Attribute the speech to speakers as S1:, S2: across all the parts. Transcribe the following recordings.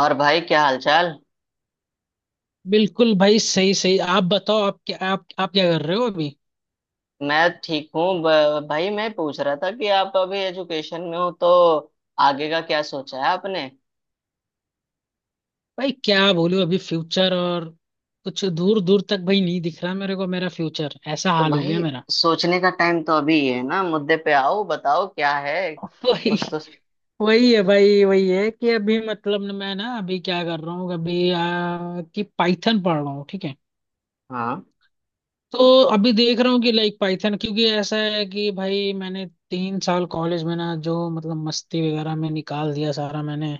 S1: और भाई, क्या हालचाल?
S2: बिल्कुल भाई, सही सही आप बताओ। आप क्या कर रहे हो अभी?
S1: मैं ठीक हूँ। भाई, मैं पूछ रहा था कि आप अभी एजुकेशन में हो, तो आगे का क्या सोचा है आपने?
S2: भाई क्या बोलूं, अभी फ्यूचर और कुछ दूर दूर तक भाई नहीं दिख रहा मेरे को। मेरा फ्यूचर ऐसा
S1: तो
S2: हाल हो गया
S1: भाई,
S2: मेरा।
S1: सोचने का टाइम तो अभी ही है ना। मुद्दे पे आओ, बताओ क्या है कुछ तो।
S2: वही वही है भाई। वही है कि अभी मतलब न मैं ना अभी क्या कर रहा हूँ अभी, कि पाइथन पढ़ रहा हूँ, ठीक है।
S1: हाँ।
S2: तो अभी देख रहा हूँ कि लाइक पाइथन, क्योंकि ऐसा है कि भाई मैंने 3 साल कॉलेज में ना जो मतलब मस्ती वगैरह में निकाल दिया सारा मैंने।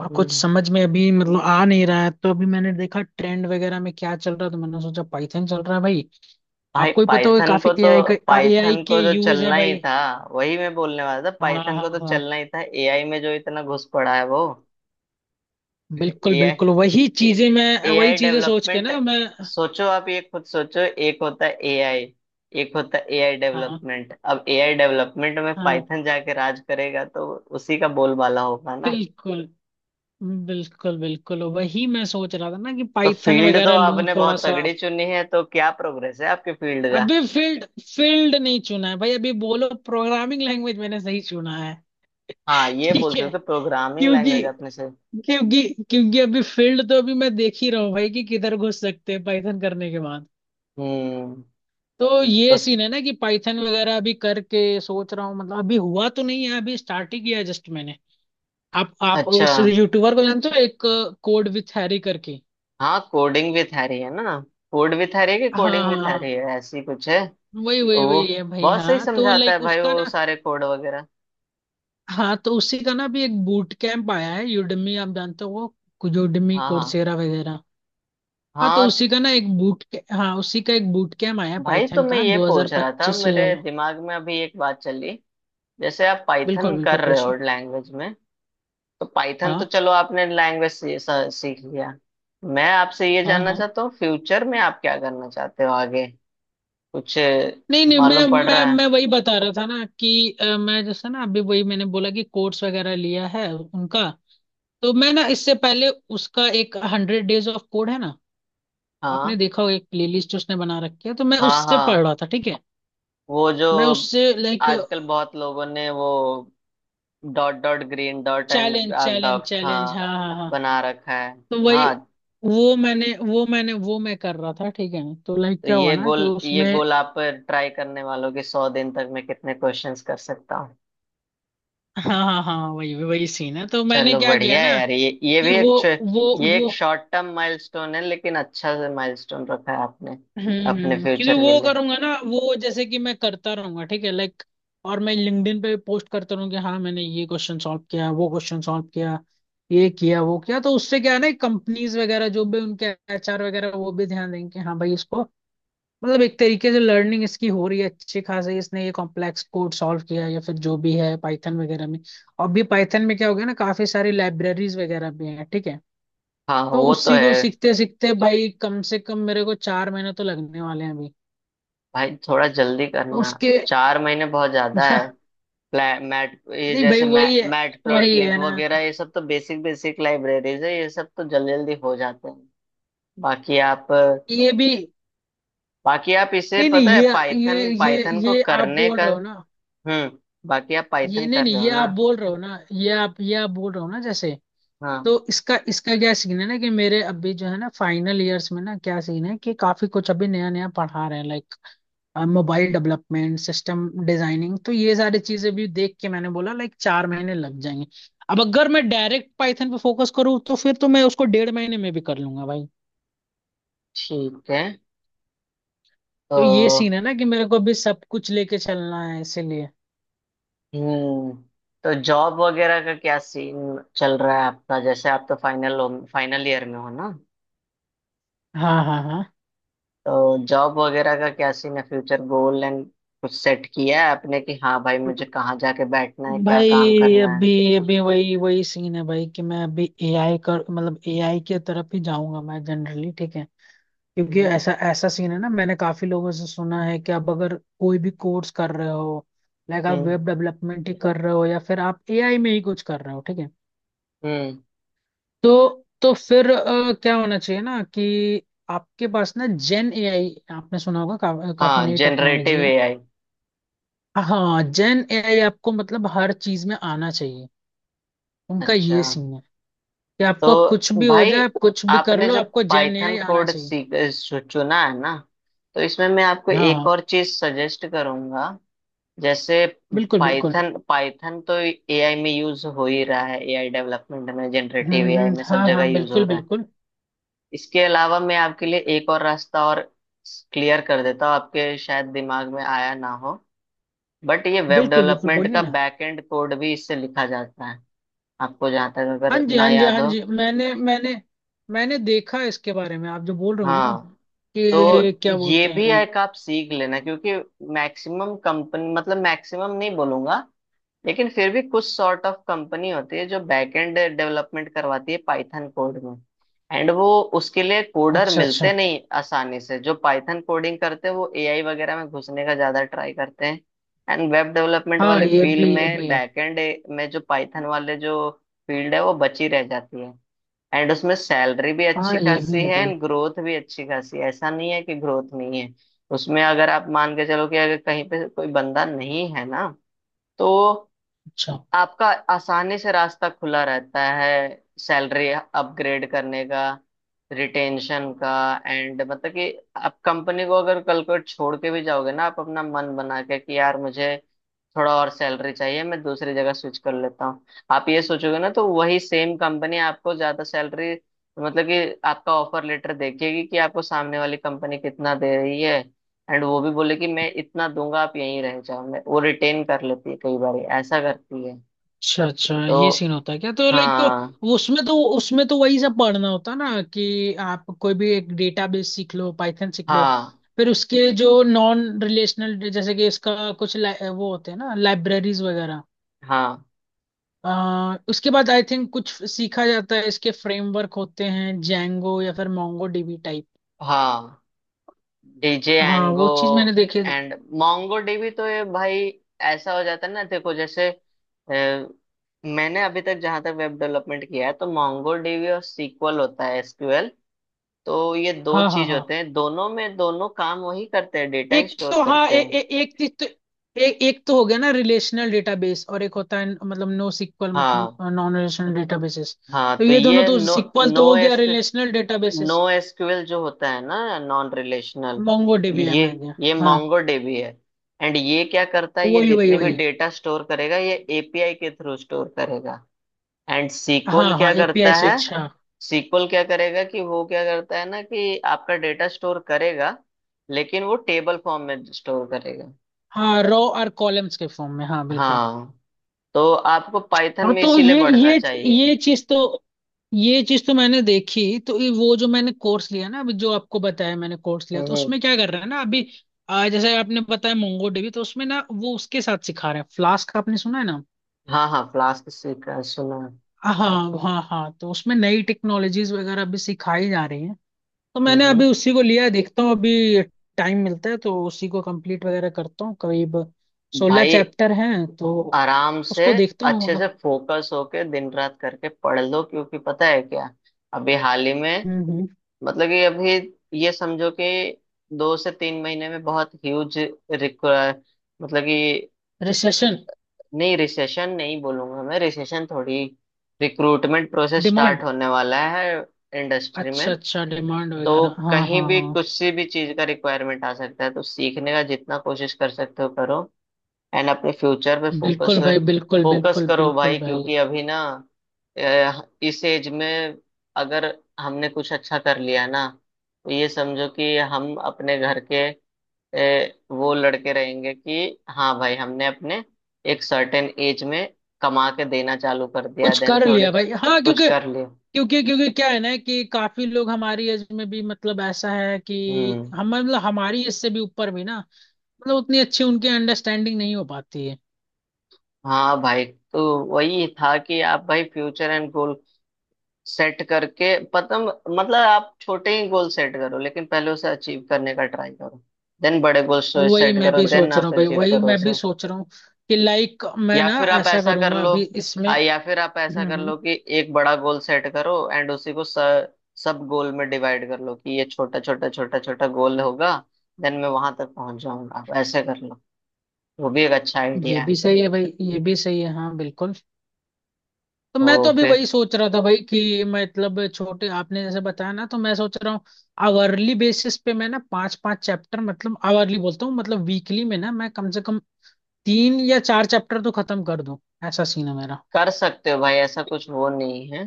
S2: और कुछ
S1: हम्म।
S2: समझ में अभी मतलब आ नहीं रहा है, तो अभी मैंने देखा ट्रेंड वगैरह में क्या चल रहा है, तो मैंने सोचा पाइथन चल रहा है भाई।
S1: भाई,
S2: आपको ही पता होगा, काफी एआई का एआई
S1: पाइथन
S2: के
S1: को तो
S2: यूज है
S1: चलना ही
S2: भाई।
S1: था। वही मैं बोलने वाला था,
S2: हाँ हाँ
S1: पाइथन को तो
S2: हाँ,
S1: चलना ही था, एआई में जो इतना घुस पड़ा है वो।
S2: बिल्कुल बिल्कुल,
S1: एआई
S2: वही चीजें मैं वही
S1: एआई
S2: चीजें सोच के
S1: डेवलपमेंट।
S2: ना मैं।
S1: सोचो, आप ये खुद सोचो। एक होता है एआई, एक होता है एआई
S2: हाँ
S1: डेवलपमेंट। अब एआई डेवलपमेंट में
S2: हाँ,
S1: पाइथन जाके राज करेगा, तो उसी का बोलबाला होगा ना।
S2: बिल्कुल बिल्कुल बिल्कुल, वही मैं सोच रहा था ना कि
S1: तो
S2: पाइथन
S1: फील्ड तो
S2: वगैरह लूं
S1: आपने
S2: थोड़ा
S1: बहुत
S2: सा।
S1: तगड़ी चुनी है, तो क्या प्रोग्रेस है आपके फील्ड का?
S2: अभी फील्ड फील्ड नहीं चुना है भाई। अभी बोलो प्रोग्रामिंग लैंग्वेज मैंने सही चुना है?
S1: हाँ, ये बोल
S2: ठीक है।
S1: सकते प्रोग्रामिंग
S2: क्योंकि
S1: लैंग्वेज आपने से।
S2: क्योंकि क्योंकि अभी फील्ड तो अभी मैं देख ही रहा हूँ भाई कि किधर घुस सकते हैं पाइथन करने के बाद।
S1: हम्म।
S2: तो
S1: तो
S2: ये सीन है ना कि पाइथन वगैरह अभी करके सोच रहा हूँ, मतलब अभी हुआ तो नहीं है, अभी स्टार्ट ही किया है जस्ट मैंने। आप
S1: अच्छा।
S2: उस यूट्यूबर को जानते हो एक, कोड विथ हैरी करके?
S1: हाँ, कोडिंग भी आ रही है ना? कोड भी आ रही है कि
S2: हाँ
S1: कोडिंग भी
S2: हाँ
S1: आ
S2: हाँ,
S1: रही है, ऐसी कुछ है?
S2: वही
S1: तो
S2: वही वही
S1: वो
S2: है भाई।
S1: बहुत सही
S2: हाँ तो
S1: समझाता है
S2: लाइक
S1: भाई,
S2: उसका
S1: वो
S2: ना।
S1: सारे कोड वगैरह।
S2: हाँ तो उसी का ना भी एक बूट कैंप आया है, यूडमी आप जानते हो वो, यूडमी
S1: हाँ, हाँ,
S2: कोर्सेरा वगैरह। हाँ तो
S1: हाँ।
S2: उसी का ना एक बूट, हाँ उसी का एक बूट कैम्प आया
S1: भाई, तो
S2: पाइथन
S1: मैं
S2: का
S1: ये पूछ रहा था,
S2: 2025 से।
S1: मेरे
S2: चलो,
S1: दिमाग में अभी एक बात चली। जैसे आप
S2: बिल्कुल
S1: पाइथन
S2: बिल्कुल
S1: कर रहे हो
S2: पूछे।
S1: लैंग्वेज में, तो पाइथन तो
S2: हाँ
S1: चलो आपने लैंग्वेज सीख लिया। मैं आपसे ये
S2: हाँ
S1: जानना
S2: हाँ,
S1: चाहता हूँ, फ्यूचर में आप क्या करना चाहते हो आगे? कुछ
S2: नहीं नहीं, मैं
S1: मालूम पड़
S2: मैं
S1: रहा है।
S2: मैं वही बता रहा था ना कि मैं जैसा ना अभी वही मैंने बोला कि कोर्स वगैरह लिया है उनका। तो मैं ना इससे पहले, उसका एक 100 डेज ऑफ कोड है ना, आपने
S1: हाँ,
S2: देखा होगा एक प्लेलिस्ट उसने बना रखी है, तो मैं
S1: हाँ,
S2: उससे पढ़
S1: हाँ।
S2: रहा था, ठीक है।
S1: वो जो
S2: मैं उससे लाइक
S1: आजकल बहुत लोगों ने वो dot dot green dot and
S2: challenge
S1: dark
S2: challenge
S1: dot
S2: challenge,
S1: हाँ
S2: हाँ हाँ हाँ।
S1: बना रखा है।
S2: तो वही,
S1: हाँ,
S2: वो मैं कर रहा था, ठीक है। तो लाइक
S1: तो
S2: क्या हुआ
S1: ये
S2: ना
S1: गोल,
S2: कि
S1: ये
S2: उसमें,
S1: गोल आप ट्राई करने वालों की, सौ दिन तक मैं कितने क्वेश्चंस कर सकता हूँ।
S2: हाँ हाँ हाँ, वही वही सीन है। तो मैंने
S1: चलो
S2: क्या किया
S1: बढ़िया है
S2: ना
S1: यार,
S2: कि वो
S1: ये
S2: वो।
S1: एक शॉर्ट टर्म माइलस्टोन है, लेकिन अच्छा से माइलस्टोन रखा है आपने
S2: हम्म
S1: अपने
S2: क्योंकि
S1: फ्यूचर के
S2: वो
S1: लिए।
S2: करूंगा ना वो जैसे कि मैं करता रहूंगा, ठीक है लाइक। और मैं लिंक्डइन पे पोस्ट करता रहूँ कि हाँ मैंने ये क्वेश्चन सॉल्व किया, वो क्वेश्चन सॉल्व किया, ये किया, वो किया, तो उससे क्या है ना कंपनीज वगैरह जो भी उनके एचआर वगैरह वो भी ध्यान देंगे कि हाँ भाई इसको, मतलब एक तरीके से लर्निंग इसकी हो रही है अच्छी खासी, इसने ये कॉम्प्लेक्स कोड सॉल्व किया है या फिर जो भी है पाइथन वगैरह में। और भी पाइथन में क्या हो गया ना, काफी सारी लाइब्रेरीज वगैरह भी हैं, ठीक है।
S1: हाँ,
S2: तो
S1: वो तो
S2: उसी को
S1: है।
S2: सीखते सीखते भाई कम से कम मेरे को 4 महीने तो लगने वाले हैं अभी।
S1: भाई थोड़ा जल्दी
S2: तो
S1: करना,
S2: उसके
S1: चार महीने बहुत ज्यादा है। मैट, ये
S2: नहीं भाई,
S1: जैसे
S2: वही है,
S1: मैट प्लॉट
S2: वही है
S1: लिब
S2: ना
S1: वगैरह, ये सब तो बेसिक बेसिक लाइब्रेरीज है, ये सब तो जल्दी जल्दी हो जाते हैं। बाकी आप
S2: ये भी।
S1: बाकी आप, इसे
S2: नहीं नहीं,
S1: पता है,
S2: ये
S1: पाइथन
S2: ये ये
S1: पाइथन को
S2: ये आप
S1: करने
S2: बोल
S1: का।
S2: रहे हो ना।
S1: हम्म। बाकी आप
S2: ये
S1: पाइथन
S2: नहीं
S1: कर
S2: नहीं,
S1: रहे हो
S2: ये
S1: ना?
S2: आप बोल रहे हो ना, ये आप बोल रहे हो ना, जैसे।
S1: हाँ।
S2: तो इसका इसका क्या सीन है ना कि मेरे अभी जो है ना फाइनल ईयर्स में ना क्या सीन है कि काफी कुछ अभी नया नया पढ़ा रहे हैं like mobile development, system designing, तो ये सारी चीजें भी देख के मैंने बोला लाइक 4 महीने लग जाएंगे। अब अगर मैं डायरेक्ट पाइथन पे फोकस करूँ तो फिर तो मैं उसको 1.5 महीने में भी कर लूंगा भाई।
S1: ठीक है
S2: तो ये सीन
S1: तो।
S2: है ना कि मेरे को अभी सब कुछ लेके चलना है इसीलिए।
S1: हम्म। तो जॉब वगैरह का क्या सीन चल रहा है आपका? जैसे आप तो फाइनल हो, फाइनल ईयर में हो ना?
S2: हाँ हाँ हाँ,
S1: तो जॉब वगैरह का क्या सीन है, फ्यूचर गोल एंड कुछ सेट किया है आपने कि हाँ भाई, मुझे कहाँ जाके बैठना है, क्या काम
S2: भाई
S1: करना है?
S2: अभी, अभी वही वही सीन है भाई कि मैं अभी एआई कर मतलब एआई की तरफ ही जाऊंगा मैं जनरली, ठीक है। क्योंकि
S1: हम्म।
S2: ऐसा ऐसा सीन है ना, मैंने काफी लोगों से सुना है कि आप अगर कोई भी कोर्स कर रहे हो, लाइक आप
S1: हम्म,
S2: वेब डेवलपमेंट ही कर रहे हो या फिर आप एआई में ही कुछ कर रहे हो, ठीक है।
S1: हम्म,
S2: तो फिर क्या होना चाहिए ना कि आपके पास ना जेन एआई आपने सुना होगा काफी
S1: हाँ,
S2: नई
S1: जनरेटिव
S2: टेक्नोलॉजी है।
S1: एआई।
S2: हाँ जेन एआई आपको मतलब हर चीज में आना चाहिए। उनका
S1: अच्छा।
S2: ये सीन है कि आपको कुछ
S1: तो
S2: भी हो
S1: भाई,
S2: जाए, आप कुछ भी कर
S1: आपने
S2: लो,
S1: जो
S2: आपको जेन
S1: पाइथन
S2: एआई आना
S1: कोड
S2: चाहिए।
S1: चुना है ना, तो इसमें मैं आपको
S2: हाँ
S1: एक
S2: हाँ
S1: और चीज सजेस्ट करूंगा। जैसे
S2: बिल्कुल बिल्कुल।
S1: पाइथन पाइथन तो एआई में यूज हो ही रहा है, एआई डेवलपमेंट में, जनरेटिव एआई में सब
S2: हाँ
S1: जगह
S2: हाँ
S1: यूज हो
S2: बिल्कुल
S1: रहा है।
S2: बिल्कुल
S1: इसके अलावा मैं आपके लिए एक और रास्ता और क्लियर कर देता हूँ, आपके शायद दिमाग में आया ना हो, बट ये वेब
S2: बिल्कुल। बिल्कुल
S1: डेवलपमेंट
S2: बोलिए
S1: का
S2: ना।
S1: बैकएंड कोड भी इससे लिखा जाता है। आपको जहां तक
S2: हाँ
S1: अगर
S2: जी
S1: ना
S2: हाँ जी
S1: याद
S2: हाँ
S1: हो।
S2: जी, मैंने मैंने मैंने देखा इसके बारे में आप जो बोल रहे हो ना
S1: हाँ,
S2: कि
S1: तो
S2: क्या
S1: ये
S2: बोलते
S1: भी
S2: हैं।
S1: एक आप सीख लेना, क्योंकि मैक्सिमम कंपनी, मतलब मैक्सिमम नहीं बोलूंगा, लेकिन फिर भी कुछ सॉर्ट ऑफ कंपनी होती है जो बैकएंड डेवलपमेंट करवाती है पाइथन कोड में। एंड वो, उसके लिए कोडर
S2: अच्छा अच्छा,
S1: मिलते नहीं आसानी से, जो पाइथन कोडिंग करते हैं वो एआई वगैरह में घुसने का ज्यादा ट्राई करते हैं। एंड वेब डेवलपमेंट
S2: हाँ
S1: वाली फील्ड
S2: ये भी
S1: में,
S2: है।
S1: बैकएंड में जो पाइथन वाले जो फील्ड है, वो बची रह जाती है। एंड उसमें सैलरी भी अच्छी
S2: हाँ ये
S1: खासी
S2: भी है
S1: है,
S2: भाई।
S1: एंड ग्रोथ भी अच्छी खासी है, ऐसा नहीं है कि ग्रोथ नहीं है। उसमें अगर आप मान के चलो कि अगर कहीं पे कोई बंदा नहीं है ना, तो
S2: अच्छा
S1: आपका आसानी से रास्ता खुला रहता है, सैलरी अपग्रेड करने का, रिटेंशन का। एंड मतलब कि आप कंपनी को अगर कल को छोड़ के भी जाओगे ना, आप अपना मन बना के कि यार, मुझे थोड़ा और सैलरी चाहिए, मैं दूसरी जगह स्विच कर लेता हूँ, आप ये सोचोगे ना, तो वही सेम कंपनी आपको ज्यादा सैलरी, मतलब कि आपका ऑफर लेटर देखेगी कि आपको सामने वाली कंपनी कितना दे रही है, एंड वो भी बोले कि मैं इतना दूंगा, आप यहीं रह जाओ, मैं वो रिटेन कर लेती है, कई बार ऐसा करती है।
S2: अच्छा अच्छा,
S1: तो
S2: ये सीन होता है क्या? तो लाइक
S1: हाँ,
S2: उसमें तो वही सब पढ़ना होता ना कि आप कोई भी एक डेटाबेस सीख लो, पाइथन सीख लो,
S1: हाँ,
S2: फिर उसके जो नॉन रिलेशनल जैसे कि इसका कुछ ला- वो होते हैं ना लाइब्रेरीज वगैरह।
S1: हाँ,
S2: उसके बाद आई थिंक कुछ सीखा जाता है, इसके फ्रेमवर्क होते हैं, जैंगो या फिर मोंगो डीबी टाइप।
S1: हाँ, डीजे
S2: हाँ
S1: एंगो
S2: वो चीज मैंने देखी है।
S1: एंड मोंगो डीबी तो ये भाई, ऐसा हो जाता है ना, देखो, जैसे मैंने अभी तक जहां तक वेब डेवलपमेंट किया है, तो मोंगो डीबी और सीक्वल होता है एसक्यूएल। तो ये दो
S2: हाँ हाँ
S1: चीज
S2: हाँ।
S1: होते हैं, दोनों में दोनों काम वही करते हैं, डेटा ही
S2: एक
S1: स्टोर
S2: तो हाँ,
S1: करते
S2: ए,
S1: हैं।
S2: ए, एक चीज तो एक तो हो गया ना रिलेशनल डेटाबेस, और एक होता है मतलब नो सिक्वल, मतलब
S1: हाँ,
S2: नॉन रिलेशनल डेटाबेसेस।
S1: हाँ,
S2: तो
S1: तो
S2: ये दोनों,
S1: ये
S2: तो
S1: नो
S2: सिक्वल
S1: नो
S2: तो हो गया
S1: S
S2: relational
S1: no
S2: databases.
S1: SQL जो होता है ना, नॉन रिलेशनल।
S2: मोंगो डीबी है,
S1: ये
S2: मैं गया।
S1: ये
S2: हाँ
S1: मोंगोडीबी है। एंड ये क्या करता है, ये
S2: वही वही
S1: जितने भी
S2: वही।
S1: डेटा स्टोर करेगा, ये एपीआई के थ्रू स्टोर करेगा। एंड
S2: हाँ
S1: सीक्वल
S2: हाँ,
S1: क्या
S2: एपीआई
S1: करता है?
S2: स्विच, हाँ।
S1: सीक्वल क्या करेगा कि वो क्या करता है ना कि आपका डेटा स्टोर करेगा, लेकिन वो टेबल फॉर्म में स्टोर करेगा।
S2: हाँ, रो और कॉलम्स के फॉर्म में, हाँ बिल्कुल।
S1: हाँ, तो आपको पाइथन
S2: हाँ
S1: में
S2: तो
S1: इसीलिए
S2: ये
S1: बढ़ना
S2: ये
S1: चाहिए।
S2: ये चीज तो ये चीज तो मैंने देखी, तो ये वो जो मैंने कोर्स लिया ना अभी जो आपको बताया, मैंने कोर्स लिया
S1: हम्म।
S2: तो
S1: हम्म।
S2: उसमें क्या कर रहे हैं ना अभी, जैसे आपने बताया मोंगो डीबी, तो उसमें ना वो उसके साथ सिखा रहे हैं फ्लास्क, आपने सुना है ना।
S1: हाँ, हाँ, फ्लास्क सीखा है, सुना है।
S2: हाँ हाँ हाँ, तो उसमें नई टेक्नोलॉजीज वगैरह अभी सिखाई जा रही हैं। तो
S1: हम्म।
S2: मैंने
S1: हम्म।
S2: अभी उसी को लिया है, देखता हूँ अभी टाइम मिलता है तो उसी को कंप्लीट वगैरह करता हूँ, करीब सोलह
S1: भाई
S2: चैप्टर हैं, तो
S1: आराम से,
S2: उसको देखता
S1: अच्छे
S2: हूँ।
S1: से फोकस होके दिन रात करके पढ़ लो, क्योंकि पता है क्या? अभी हाल ही में,
S2: हम्म।
S1: मतलब कि अभी, ये समझो कि दो से तीन महीने में बहुत ह्यूज, मतलब कि,
S2: रिसेशन,
S1: नहीं, रिसेशन नहीं बोलूंगा मैं, रिसेशन थोड़ी, रिक्रूटमेंट प्रोसेस स्टार्ट
S2: डिमांड।
S1: होने वाला है इंडस्ट्री
S2: अच्छा
S1: में।
S2: अच्छा, डिमांड
S1: तो
S2: वगैरह, हाँ
S1: कहीं
S2: हाँ
S1: भी
S2: हाँ।
S1: कुछ सी भी चीज का रिक्वायरमेंट आ सकता है, तो सीखने का जितना कोशिश कर सकते हो करो। एंड अपने फ्यूचर पे फोकस,
S2: बिल्कुल भाई, बिल्कुल
S1: फोकस
S2: बिल्कुल
S1: करो
S2: बिल्कुल
S1: भाई,
S2: भाई।
S1: क्योंकि अभी ना, इस एज में अगर हमने कुछ अच्छा कर लिया ना, तो ये समझो कि हम अपने घर के वो लड़के रहेंगे कि हाँ भाई, हमने अपने एक सर्टेन एज में कमा के देना चालू कर दिया,
S2: कुछ
S1: देन
S2: कर
S1: थोड़े
S2: लिया भाई, हाँ
S1: कुछ
S2: क्योंकि
S1: कर लिया।
S2: क्योंकि क्योंकि क्या है ना कि काफी लोग हमारी एज में भी मतलब ऐसा है कि
S1: हम्म।
S2: हम मतलब हमारी एज से भी ऊपर भी ना, मतलब उतनी अच्छी उनकी अंडरस्टैंडिंग नहीं हो पाती है।
S1: हाँ भाई, तो वही था कि आप भाई फ्यूचर एंड गोल सेट करके, पता, मतलब आप छोटे ही गोल सेट करो, लेकिन पहले उसे अचीव करने का ट्राई करो, देन बड़े गोल
S2: वही
S1: सेट
S2: मैं
S1: करो,
S2: भी
S1: देन
S2: सोच रहा
S1: आप
S2: हूँ भाई,
S1: अचीव
S2: वही
S1: करो
S2: मैं भी
S1: उसे।
S2: सोच रहा हूँ कि लाइक मैं
S1: या
S2: ना
S1: फिर आप
S2: ऐसा
S1: ऐसा कर
S2: करूंगा
S1: लो,
S2: अभी इसमें।
S1: या फिर आप ऐसा कर
S2: हम्म।
S1: लो कि एक बड़ा गोल सेट करो एंड उसी को सब गोल में डिवाइड कर लो कि ये छोटा छोटा छोटा छोटा गोल होगा, देन मैं वहां तक पहुंच जाऊंगा, आप ऐसे कर लो, वो भी एक अच्छा
S2: ये
S1: आइडिया
S2: भी
S1: है।
S2: सही है भाई, ये भी सही है, हाँ बिल्कुल। तो मैं तो
S1: तो
S2: अभी
S1: फिर,
S2: वही सोच रहा था भाई कि मतलब छोटे, आपने जैसे बताया ना, तो मैं सोच रहा हूँ आवरली बेसिस पे मैं ना पांच पांच चैप्टर, मतलब आवरली बोलता हूँ मतलब वीकली में ना मैं कम से कम तीन या चार चैप्टर तो खत्म कर दूं, ऐसा सीन है मेरा।
S1: कर सकते हो भाई, ऐसा कुछ वो नहीं है,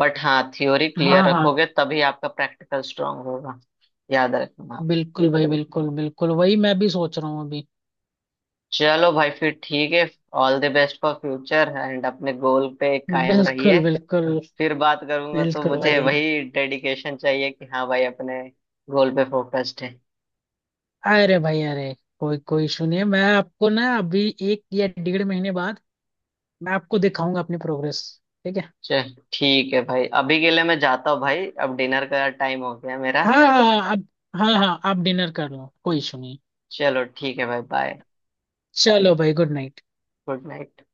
S1: बट हाँ, थ्योरी
S2: हाँ
S1: क्लियर
S2: हाँ
S1: रखोगे तभी आपका प्रैक्टिकल स्ट्रांग होगा, याद रखना आप।
S2: बिल्कुल भाई, बिल्कुल बिल्कुल वही मैं भी सोच रहा हूँ अभी।
S1: चलो भाई, फिर ठीक है। All the best for future, and अपने गोल पे कायम
S2: बिल्कुल
S1: रहिए।
S2: बिल्कुल
S1: फिर बात करूंगा तो
S2: बिल्कुल
S1: मुझे
S2: भाई।
S1: वही डेडिकेशन चाहिए कि हाँ भाई, अपने गोल पे फोकस्ड है।
S2: अरे भाई अरे, कोई कोई इशू नहीं है। मैं आपको ना अभी एक या 1.5 महीने बाद मैं आपको दिखाऊंगा अपनी प्रोग्रेस, ठीक है?
S1: चल ठीक है भाई, अभी के लिए मैं जाता हूँ भाई, अब डिनर का टाइम हो गया मेरा।
S2: हाँ हाँ आप, हाँ हाँ आप डिनर कर लो, कोई इशू नहीं।
S1: चलो ठीक है भाई, बाय।
S2: चलो भाई, गुड नाइट।
S1: Good night.